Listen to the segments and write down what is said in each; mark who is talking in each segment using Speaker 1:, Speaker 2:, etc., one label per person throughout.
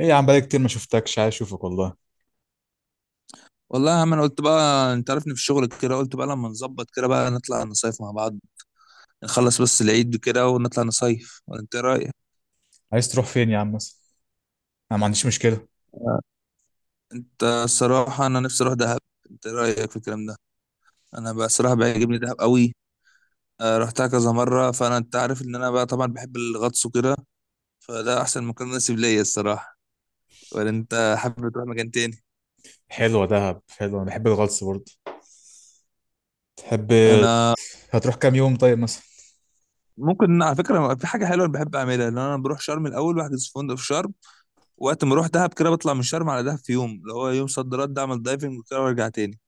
Speaker 1: ايه يا عم، بقالي كتير ما شفتكش، عايز اشوفك والله.
Speaker 2: والله يا عم، انا قلت بقى، انت عارفني في الشغل كده. قلت بقى لما نظبط كده بقى نطلع نصيف مع بعض. نخلص بس العيد كده ونطلع نصيف ولا انت إيه رايك؟
Speaker 1: عايز تروح فين يا عم مثلا؟ انا ما عنديش مشكله.
Speaker 2: انت الصراحه انا نفسي اروح دهب. انت إيه رايك في الكلام ده؟ انا بقى الصراحه بيعجبني دهب قوي. رحتها كذا مره، فانا انت عارف ان انا بقى طبعا بحب الغطس وكده. فده احسن مكان مناسب ليا الصراحه. ولا انت حابب تروح مكان تاني؟
Speaker 1: حلوه دهب، حلوه، انا بحب الغطس برضه. تحب؟
Speaker 2: انا
Speaker 1: هتروح كام يوم طيب مثلا؟
Speaker 2: ممكن على فكره في حاجه حلوه انا بحب اعملها، ان انا بروح شرم الاول بحجز في فندق في شرم. وقت ما اروح دهب كده بطلع من شرم على دهب في يوم، اللي هو يوم صد رد، اعمل دايفنج وكده وارجع تاني.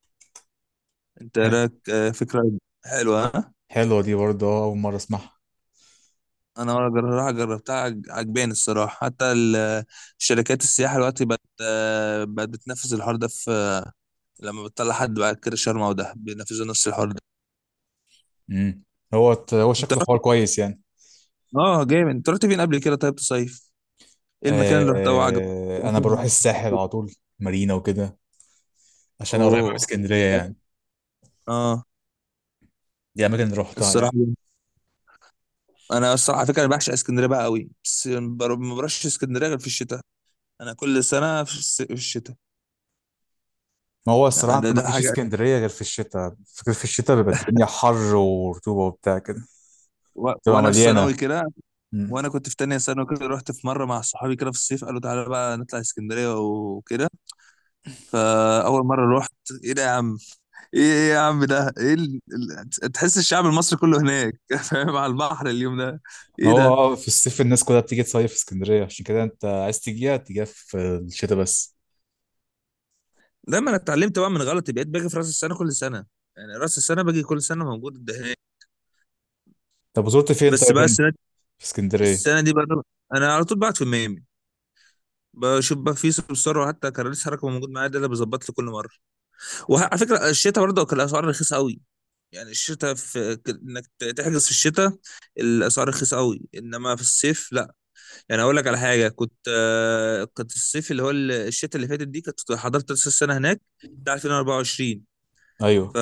Speaker 2: انت إيه
Speaker 1: حلو.
Speaker 2: رايك؟ فكره حلوه، ها؟
Speaker 1: حلوه دي برضه، اول مره اسمعها.
Speaker 2: انا راح جربتها، عجباني الصراحه، حتى الشركات السياحه دلوقتي بقت بتنفذ الحوار ده في. لما بتطلع حد بعد كده شرم او دهب بينفذوا نفس الحوار ده.
Speaker 1: امم. هو هو
Speaker 2: انت
Speaker 1: شكله
Speaker 2: رحت.
Speaker 1: حوار كويس يعني.
Speaker 2: اه جامد، انت رحت فين قبل كده طيب تصيف؟ ايه المكان اللي رحته وعجبك؟
Speaker 1: آه، انا بروح الساحل على طول، مارينا وكده. عشان قريبه من
Speaker 2: اوه.
Speaker 1: اسكندريه يعني.
Speaker 2: اه.
Speaker 1: دي اماكن اللي روحتها
Speaker 2: الصراحه،
Speaker 1: يعني.
Speaker 2: انا الصراحه على فكره انا بعشق اسكندريه بقى قوي، بس ما بروحش اسكندريه غير في الشتاء. انا كل سنه في الشتاء.
Speaker 1: ما هو الصراحه
Speaker 2: يعني ده,
Speaker 1: انت ما
Speaker 2: ده
Speaker 1: تجيش
Speaker 2: حاجه.
Speaker 1: اسكندريه غير في الشتاء، فكر في الشتاء بيبقى الدنيا حر ورطوبه وبتاع كده. تبقى
Speaker 2: وانا في ثانوي
Speaker 1: مليانه.
Speaker 2: كده، وانا كنت في تانية ثانوي كده، رحت في مره مع صحابي كده في الصيف قالوا تعالى بقى نطلع اسكندريه وكده. فاول مره رحت، ايه ده يا عم، ايه يا عم، ده ايه تحس الشعب المصري كله هناك؟ فاهم؟ على البحر اليوم ده،
Speaker 1: ما
Speaker 2: ايه
Speaker 1: هو
Speaker 2: ده؟
Speaker 1: في الصيف الناس كلها بتيجي تصيف في اسكندرية، عشان كده انت عايز تجيها تجيها في الشتاء بس.
Speaker 2: لما انا اتعلمت بقى من غلطي، بقيت باجي في راس السنه كل سنه. يعني راس السنه باجي كل سنه موجود ده هناك.
Speaker 1: طب وزرت فين
Speaker 2: بس
Speaker 1: طيب
Speaker 2: بقى
Speaker 1: هنا؟
Speaker 2: السنة
Speaker 1: في اسكندرية؟
Speaker 2: السنه دي بقى، انا على طول بعت في ميامي. بشوف بقى في سمسار حتى كراريس حركه موجود معايا، ده اللي بيظبط لي كل مره. وعلى فكره الشتاء برضه كان الاسعار رخيصه قوي. يعني الشتاء انك تحجز في الشتاء الاسعار رخيصه قوي، انما في الصيف لا. يعني اقول لك على حاجه، كنت الصيف اللي هو الشتاء اللي فاتت دي كنت حضرت نفس السنه هناك، بتاع 2024.
Speaker 1: ايوه.
Speaker 2: ف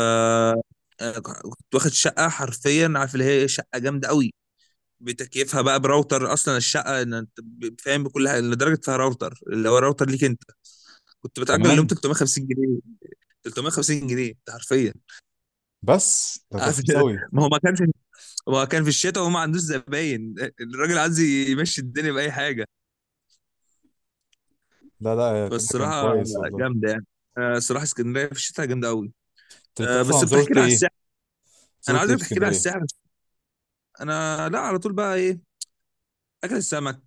Speaker 2: آه، كنت واخد شقه، حرفيا عارف اللي هي شقه جامده قوي. بتكييفها بقى براوتر، اصلا الشقه إن انت فاهم بكل حاجه، لدرجه فيها راوتر اللي هو راوتر ليك انت. كنت بتأجر اليوم
Speaker 1: كمان.
Speaker 2: 350 جنيه. 350 جنيه ده حرفيا.
Speaker 1: بس ده ده
Speaker 2: عارف؟
Speaker 1: رخيص قوي.
Speaker 2: ما هو ما كان في ما هو كان في الشتاء وما عندوش زباين. الراجل عايز يمشي الدنيا بأي حاجه.
Speaker 1: لا، لا، كده كان
Speaker 2: فالصراحه
Speaker 1: كويس والله.
Speaker 2: جامده يعني. الصراحه اسكندريه في الشتاء جامده قوي.
Speaker 1: طب انت
Speaker 2: بس
Speaker 1: اصلا
Speaker 2: بتحكي
Speaker 1: زرت
Speaker 2: لي على
Speaker 1: ايه؟
Speaker 2: الساحل. انا
Speaker 1: زرت ايه
Speaker 2: عايزك
Speaker 1: في
Speaker 2: تحكي لي على
Speaker 1: اسكندرية؟
Speaker 2: الساحل. انا، لا، على طول بقى ايه، اكل السمك.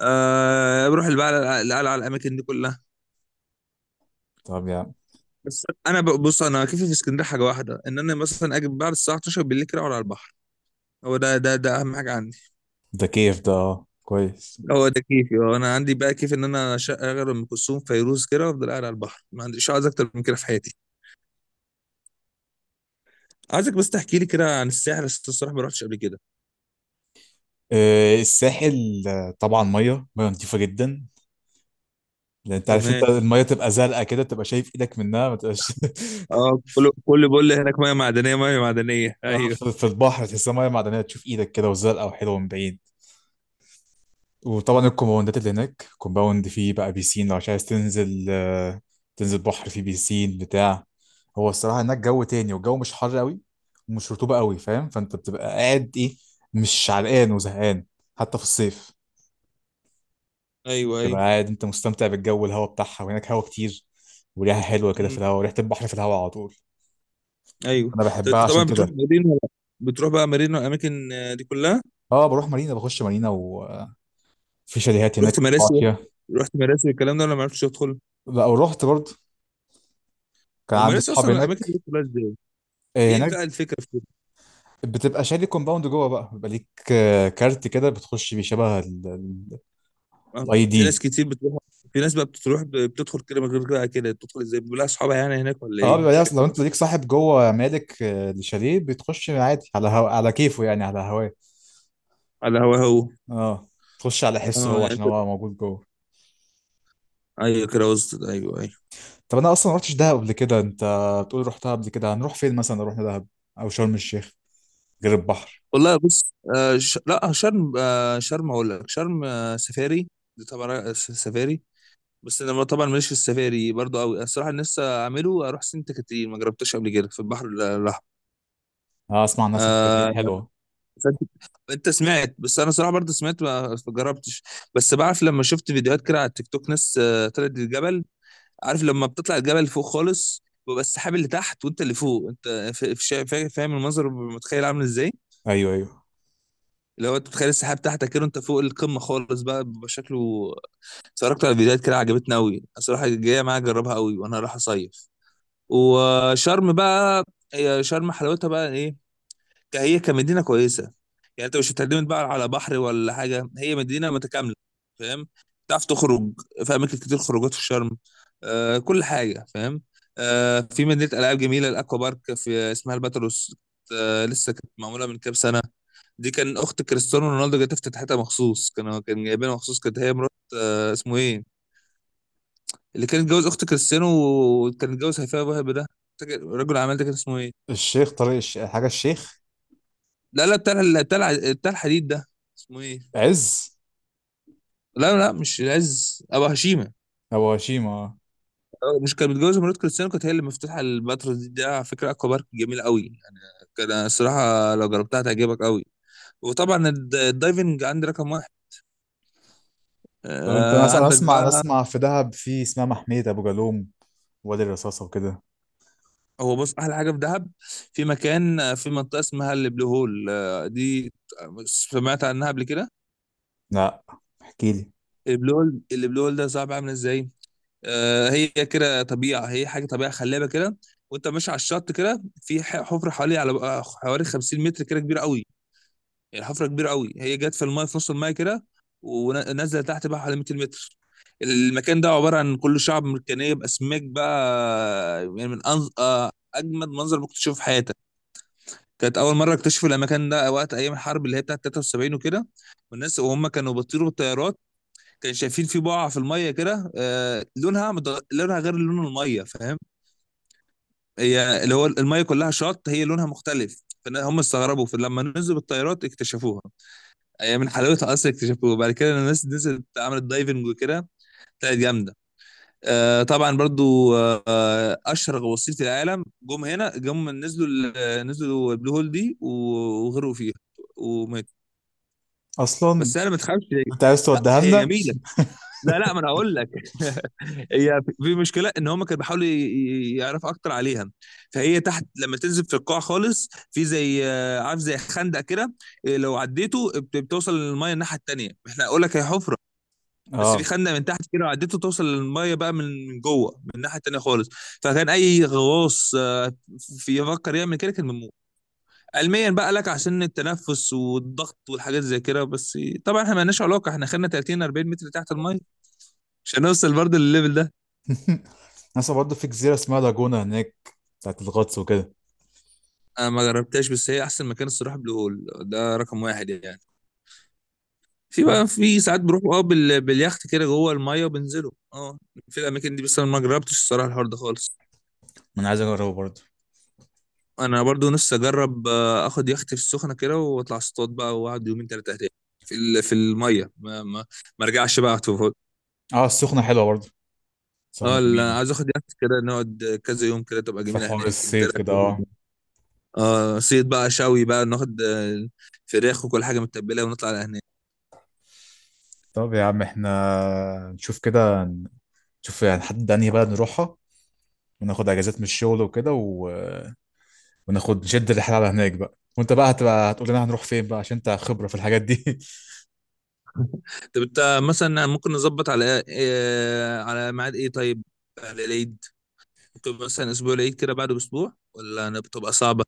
Speaker 2: بروح بقى القلعه، الاماكن دي كلها.
Speaker 1: طب يا عم،
Speaker 2: بس انا بص، انا كيفي في اسكندريه حاجه واحده، ان انا مثلا اجي بعد الساعه 12 بالليل كده اقعد على البحر. هو ده اهم حاجه عندي.
Speaker 1: ده كيف، ده اه كويس.
Speaker 2: هو ده كيفي، هو انا عندي بقى كيف ان انا اشغل ام كلثوم فيروز كده وافضل قاعد على البحر. ما عنديش عايز اكتر من كده في حياتي. عايزك بس تحكي لي كده عن الساحل، بس الصراحه ما رحتش قبل كده.
Speaker 1: إيه الساحل؟ طبعا ميه ميه، نظيفة جدا. لان انت عارف انت
Speaker 2: تمام.
Speaker 1: الميه تبقى زرقاء كده، تبقى شايف ايدك منها ما تبقاش
Speaker 2: اه، كله كله بيقول لي هناك ميه معدنيه، ميه معدنيه.
Speaker 1: اه،
Speaker 2: ايوه،
Speaker 1: في البحر تحسها ميه معدنيه، تشوف ايدك كده وزرقاء وحلوه من بعيد. وطبعا الكومباوندات اللي هناك كومباوند فيه بقى بيسين، لو مش عايز تنزل تنزل بحر فيه بيسين بتاع. هو الصراحة هناك جو تاني، والجو مش حر قوي، ومش رطوبة قوي، فاهم؟ فانت بتبقى قاعد، ايه، مش عرقان وزهقان، حتى في الصيف.
Speaker 2: ايوه،
Speaker 1: تبقى
Speaker 2: ايوه.
Speaker 1: قاعد انت مستمتع بالجو والهوا بتاعها، وهناك هوا كتير، وريحة حلوة كده في
Speaker 2: مم.
Speaker 1: الهوا، وريحة البحر في الهوا على طول.
Speaker 2: ايوه،
Speaker 1: انا
Speaker 2: طب
Speaker 1: بحبها
Speaker 2: انت
Speaker 1: عشان
Speaker 2: طبعا بتروح
Speaker 1: كده.
Speaker 2: مارينا ولا؟ بتروح بقى مارينا والاماكن دي كلها؟
Speaker 1: اه، بروح مارينا، بخش مارينا، وفي شاليهات هناك
Speaker 2: رحت
Speaker 1: بقعد
Speaker 2: مراسي؟
Speaker 1: فيها.
Speaker 2: رحت مراسي الكلام ده ولا ما عرفتش تدخل؟
Speaker 1: لا، ورحت برضه. كان
Speaker 2: هم
Speaker 1: عندي
Speaker 2: لسه
Speaker 1: صحاب
Speaker 2: اصلا الاماكن
Speaker 1: هناك.
Speaker 2: دي كلها ازاي؟ ايه
Speaker 1: هناك
Speaker 2: بقى الفكره في كده؟
Speaker 1: بتبقى شاري كومباوند جوه بقى، بيبقى ليك كارت كده بتخش بيه، شبه الاي
Speaker 2: في ناس
Speaker 1: دي.
Speaker 2: كتير بتروح. في ناس بقى بتروح بتدخل كده من غير كده كده، بتدخل ازاي؟ بيبقى لها اصحابها يعني هناك ولا
Speaker 1: اه،
Speaker 2: ايه؟
Speaker 1: بيبقى
Speaker 2: مش
Speaker 1: ليه أصل لو انت
Speaker 2: فاهم.
Speaker 1: ليك صاحب جوه مالك الشاليه، بتخش عادي على كيفه يعني، على هواه.
Speaker 2: على هو.
Speaker 1: اه، تخش على حسه
Speaker 2: اه،
Speaker 1: هو،
Speaker 2: يعني
Speaker 1: عشان هو موجود جوه.
Speaker 2: ايوه كده وسط. ايوه، ايوه.
Speaker 1: طب انا اصلا ما رحتش دهب قبل كده، انت بتقول رحتها قبل كده. هنروح فين مثلا لو رحنا دهب او شرم الشيخ غير البحر؟
Speaker 2: والله بص، لا شرم. شرم اقول لك. شرم سفاري. دي طبعا سفاري. بس انا طبعا ماليش في السفاري برضو قوي الصراحه. أنا لسه اعمله، اروح سنت كتير ما جربتش قبل كده في البحر الاحمر.
Speaker 1: اه، اسمع عن ناس كاترين
Speaker 2: آه
Speaker 1: حلوه.
Speaker 2: فانت. سمعت، بس انا صراحه برضه سمعت ما جربتش. بس بعرف، لما شفت فيديوهات كده على التيك توك ناس طلعت الجبل. عارف لما بتطلع الجبل فوق خالص بيبقى السحاب اللي تحت وانت اللي فوق. انت فاهم المنظر متخيل عامل ازاي؟
Speaker 1: ايوه، ايوه.
Speaker 2: اللي هو انت بتخيل السحاب تحتك كده وانت فوق القمه خالص بقى، بيبقى شكله. اتفرجت على فيديوهات كده عجبتني قوي الصراحه، جايه معايا اجربها قوي وانا رايح اصيف. وشرم بقى، هي شرم حلاوتها بقى ايه، هي كمدينه كويسه. يعني انت مش هتعتمد بقى على بحر ولا حاجه، هي مدينه متكامله. فاهم، تعرف تخرج، في اماكن كتير خروجات في شرم. كل حاجه فاهم. في مدينه العاب جميله، الاكوا بارك، في اسمها الباتروس. لسه كانت معموله من كام سنه. دي كان اخت كريستيانو رونالدو جت افتتحتها مخصوص، كان جايبينها مخصوص، كانت هي مرات. اسمه ايه اللي كان اتجوز اخت كريستيانو، وكان اتجوز هيفاء وهبي ده؟ فاكر رجل الاعمال ده كان اسمه ايه؟
Speaker 1: الشيخ طريق حاجه الشيخ.
Speaker 2: لا، لا، بتاع الحديد ده، اسمه ايه؟
Speaker 1: عز؟
Speaker 2: لا، لا، مش العز، ابو هشيمه.
Speaker 1: او هشيمة، آه.
Speaker 2: مش كانت متجوزه مرات كريستيانو؟ كانت هي اللي مفتوحه البتراء دي. ده على فكره اكوا بارك جميله قوي يعني. كان الصراحه لو جربتها تعجبك قوي. وطبعا الدايفنج عندي رقم واحد.
Speaker 1: طب انت، انا
Speaker 2: آه،
Speaker 1: أس- أنا
Speaker 2: عندك
Speaker 1: اسمع انا
Speaker 2: بقى.
Speaker 1: اسمع في دهب في اسمها محمية ابو جالوم، وادي الرصاصة وكده.
Speaker 2: هو بص، احلى حاجه في دهب، في مكان في منطقه اسمها البلو هول. دي سمعت عنها قبل كده؟
Speaker 1: لا، احكي لي.
Speaker 2: البلو هول ده صعب عامل ازاي؟ هي كده طبيعه، هي حاجه طبيعه خلابه كده. وانت ماشي على الشط كده في حفره حوالي على آه، حوالي 50 متر كده، كبيره قوي. الحفره كبيره قوي. هي جت في المايه في نص المايه كده، ونزلت تحت بقى حوالي 200 متر. المكان ده عباره عن كل شعب مرجانيه باسماك بقى يعني، من أنز... آه، اجمد منظر ممكن تشوفه في حياتك. كانت اول مره اكتشفوا المكان ده وقت ايام الحرب اللي هي بتاعت 73 وكده. والناس وهم كانوا بيطيروا بالطيارات كانوا شايفين في بقعه في الميه كده، لونها غير لون الميه، فاهم؟ هي اللي هو الميه كلها شط، هي لونها مختلف. فهم استغربوا فلما نزلوا بالطيارات اكتشفوها. هي من حلاوتها اصلا اكتشفوه، وبعد كده لما الناس نزلت عملت دايفنج وكده طلعت جامده. طبعا برضو، اشهر غواصين في العالم جم هنا، نزلوا نزلوا البلو هول دي، وغرقوا فيها وماتوا.
Speaker 1: اصلا
Speaker 2: بس انا، ما تخافش.
Speaker 1: انت عايز
Speaker 2: لا
Speaker 1: توديها
Speaker 2: هي
Speaker 1: لنا؟
Speaker 2: جميله. لا، لا، ما انا هقول لك. هي في مشكله ان هم كانوا بيحاولوا يعرفوا اكتر عليها. فهي تحت لما تنزل في القاع خالص، في زي عارف، زي خندق كده. لو عديته بتوصل للميه الناحيه التانيه. احنا اقول لك هي حفره. بس في
Speaker 1: اه
Speaker 2: خندق من تحت كده، وعدته توصل للميه بقى من جوه من الناحيه التانيه خالص. فكان اي غواص في يفكر يعمل كده كان بيموت. علميا بقى لك، عشان التنفس والضغط والحاجات زي كده بس. طبعا احنا مالناش علاقه. احنا خدنا 30 40 متر تحت الميه عشان نوصل برضه للليفل ده.
Speaker 1: ناس برضه في جزيرة اسمها لاجونا هناك بتاعت الغطس وكده.
Speaker 2: انا ما جربتهاش، بس هي احسن مكان الصراحه، بلو هول ده رقم واحد يعني. في بقى في ساعات بروح باليخت كده جوه الميه وبنزله في الاماكن دي. بس انا ما جربتش الصراحه الحوار ده خالص.
Speaker 1: ما انا عايز اجربه برضه.
Speaker 2: انا برضو نفسي اجرب اخد يخت في السخنه كده، واطلع اصطاد بقى واقعد يومين ثلاثه هناك. في الميه. ما ارجعش بقى أقعد في.
Speaker 1: اه، السخنة حلوة برضه، السخنة
Speaker 2: اه، لا،
Speaker 1: جميلة.
Speaker 2: عايز اخد يخت كده، نقعد كذا يوم كده تبقى
Speaker 1: في
Speaker 2: جميله
Speaker 1: حوار
Speaker 2: هناك. انت إيه
Speaker 1: الصيد
Speaker 2: رايك
Speaker 1: كده،
Speaker 2: في الحوار
Speaker 1: اه.
Speaker 2: ده؟ اه، صيد بقى شوي بقى، ناخد فراخ وكل حاجه متبله ونطلع على هناك.
Speaker 1: طب يا عم احنا نشوف كده، نشوف يعني نحدد انهي بلد نروحها، وناخد اجازات من الشغل وكده و... وناخد نشد الرحله على هناك بقى، وانت بقى هتقول لنا هنروح فين بقى، عشان انت خبره في الحاجات دي
Speaker 2: طب انت مثلا ممكن نظبط على إيه، على ميعاد ايه طيب، على العيد. ممكن مثلا اسبوع العيد كده بعده باسبوع، ولا أنا بتبقى صعبه.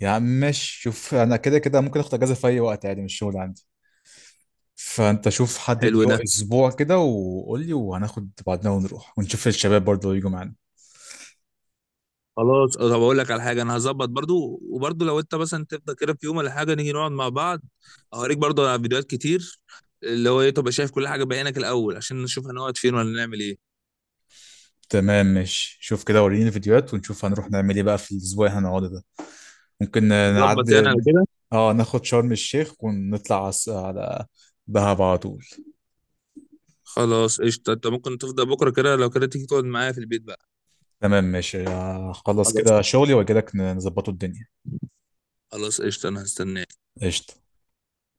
Speaker 1: يا عم ماشي، شوف انا كده كده ممكن اخد اجازه في اي وقت عادي من الشغل عندي. فانت شوف، حدد
Speaker 2: حلو ده.
Speaker 1: اسبوع كده وقول لي، وهناخد بعضنا ونروح، ونشوف الشباب برضه يجوا معانا.
Speaker 2: خلاص طب اقول لك على حاجه، انا هظبط برضو. وبرضو لو انت مثلا تفضل كده في يوم ولا حاجه نيجي نقعد مع بعض. اوريك برضو على فيديوهات كتير، اللي هو ايه تبقى شايف كل حاجه بعينك الاول، عشان نشوف هنقعد فين ولا نعمل ايه.
Speaker 1: تمام ماشي، شوف كده وريني الفيديوهات ونشوف هنروح نعمل ايه بقى في الاسبوع اللي هنقعده ده. ممكن، طب نعدي.
Speaker 2: نظبط يعني على
Speaker 1: حلو.
Speaker 2: كده.
Speaker 1: اه، ناخد شرم الشيخ ونطلع على دهب على طول.
Speaker 2: خلاص قشطه. انت ممكن تفضل بكره كده، لو كده تيجي تقعد معايا في البيت بقى.
Speaker 1: تمام ماشي، هخلص
Speaker 2: خلاص.
Speaker 1: كده شغلي واجي لك نظبطه الدنيا.
Speaker 2: خلاص قشطه، انا هستناك
Speaker 1: قشطة.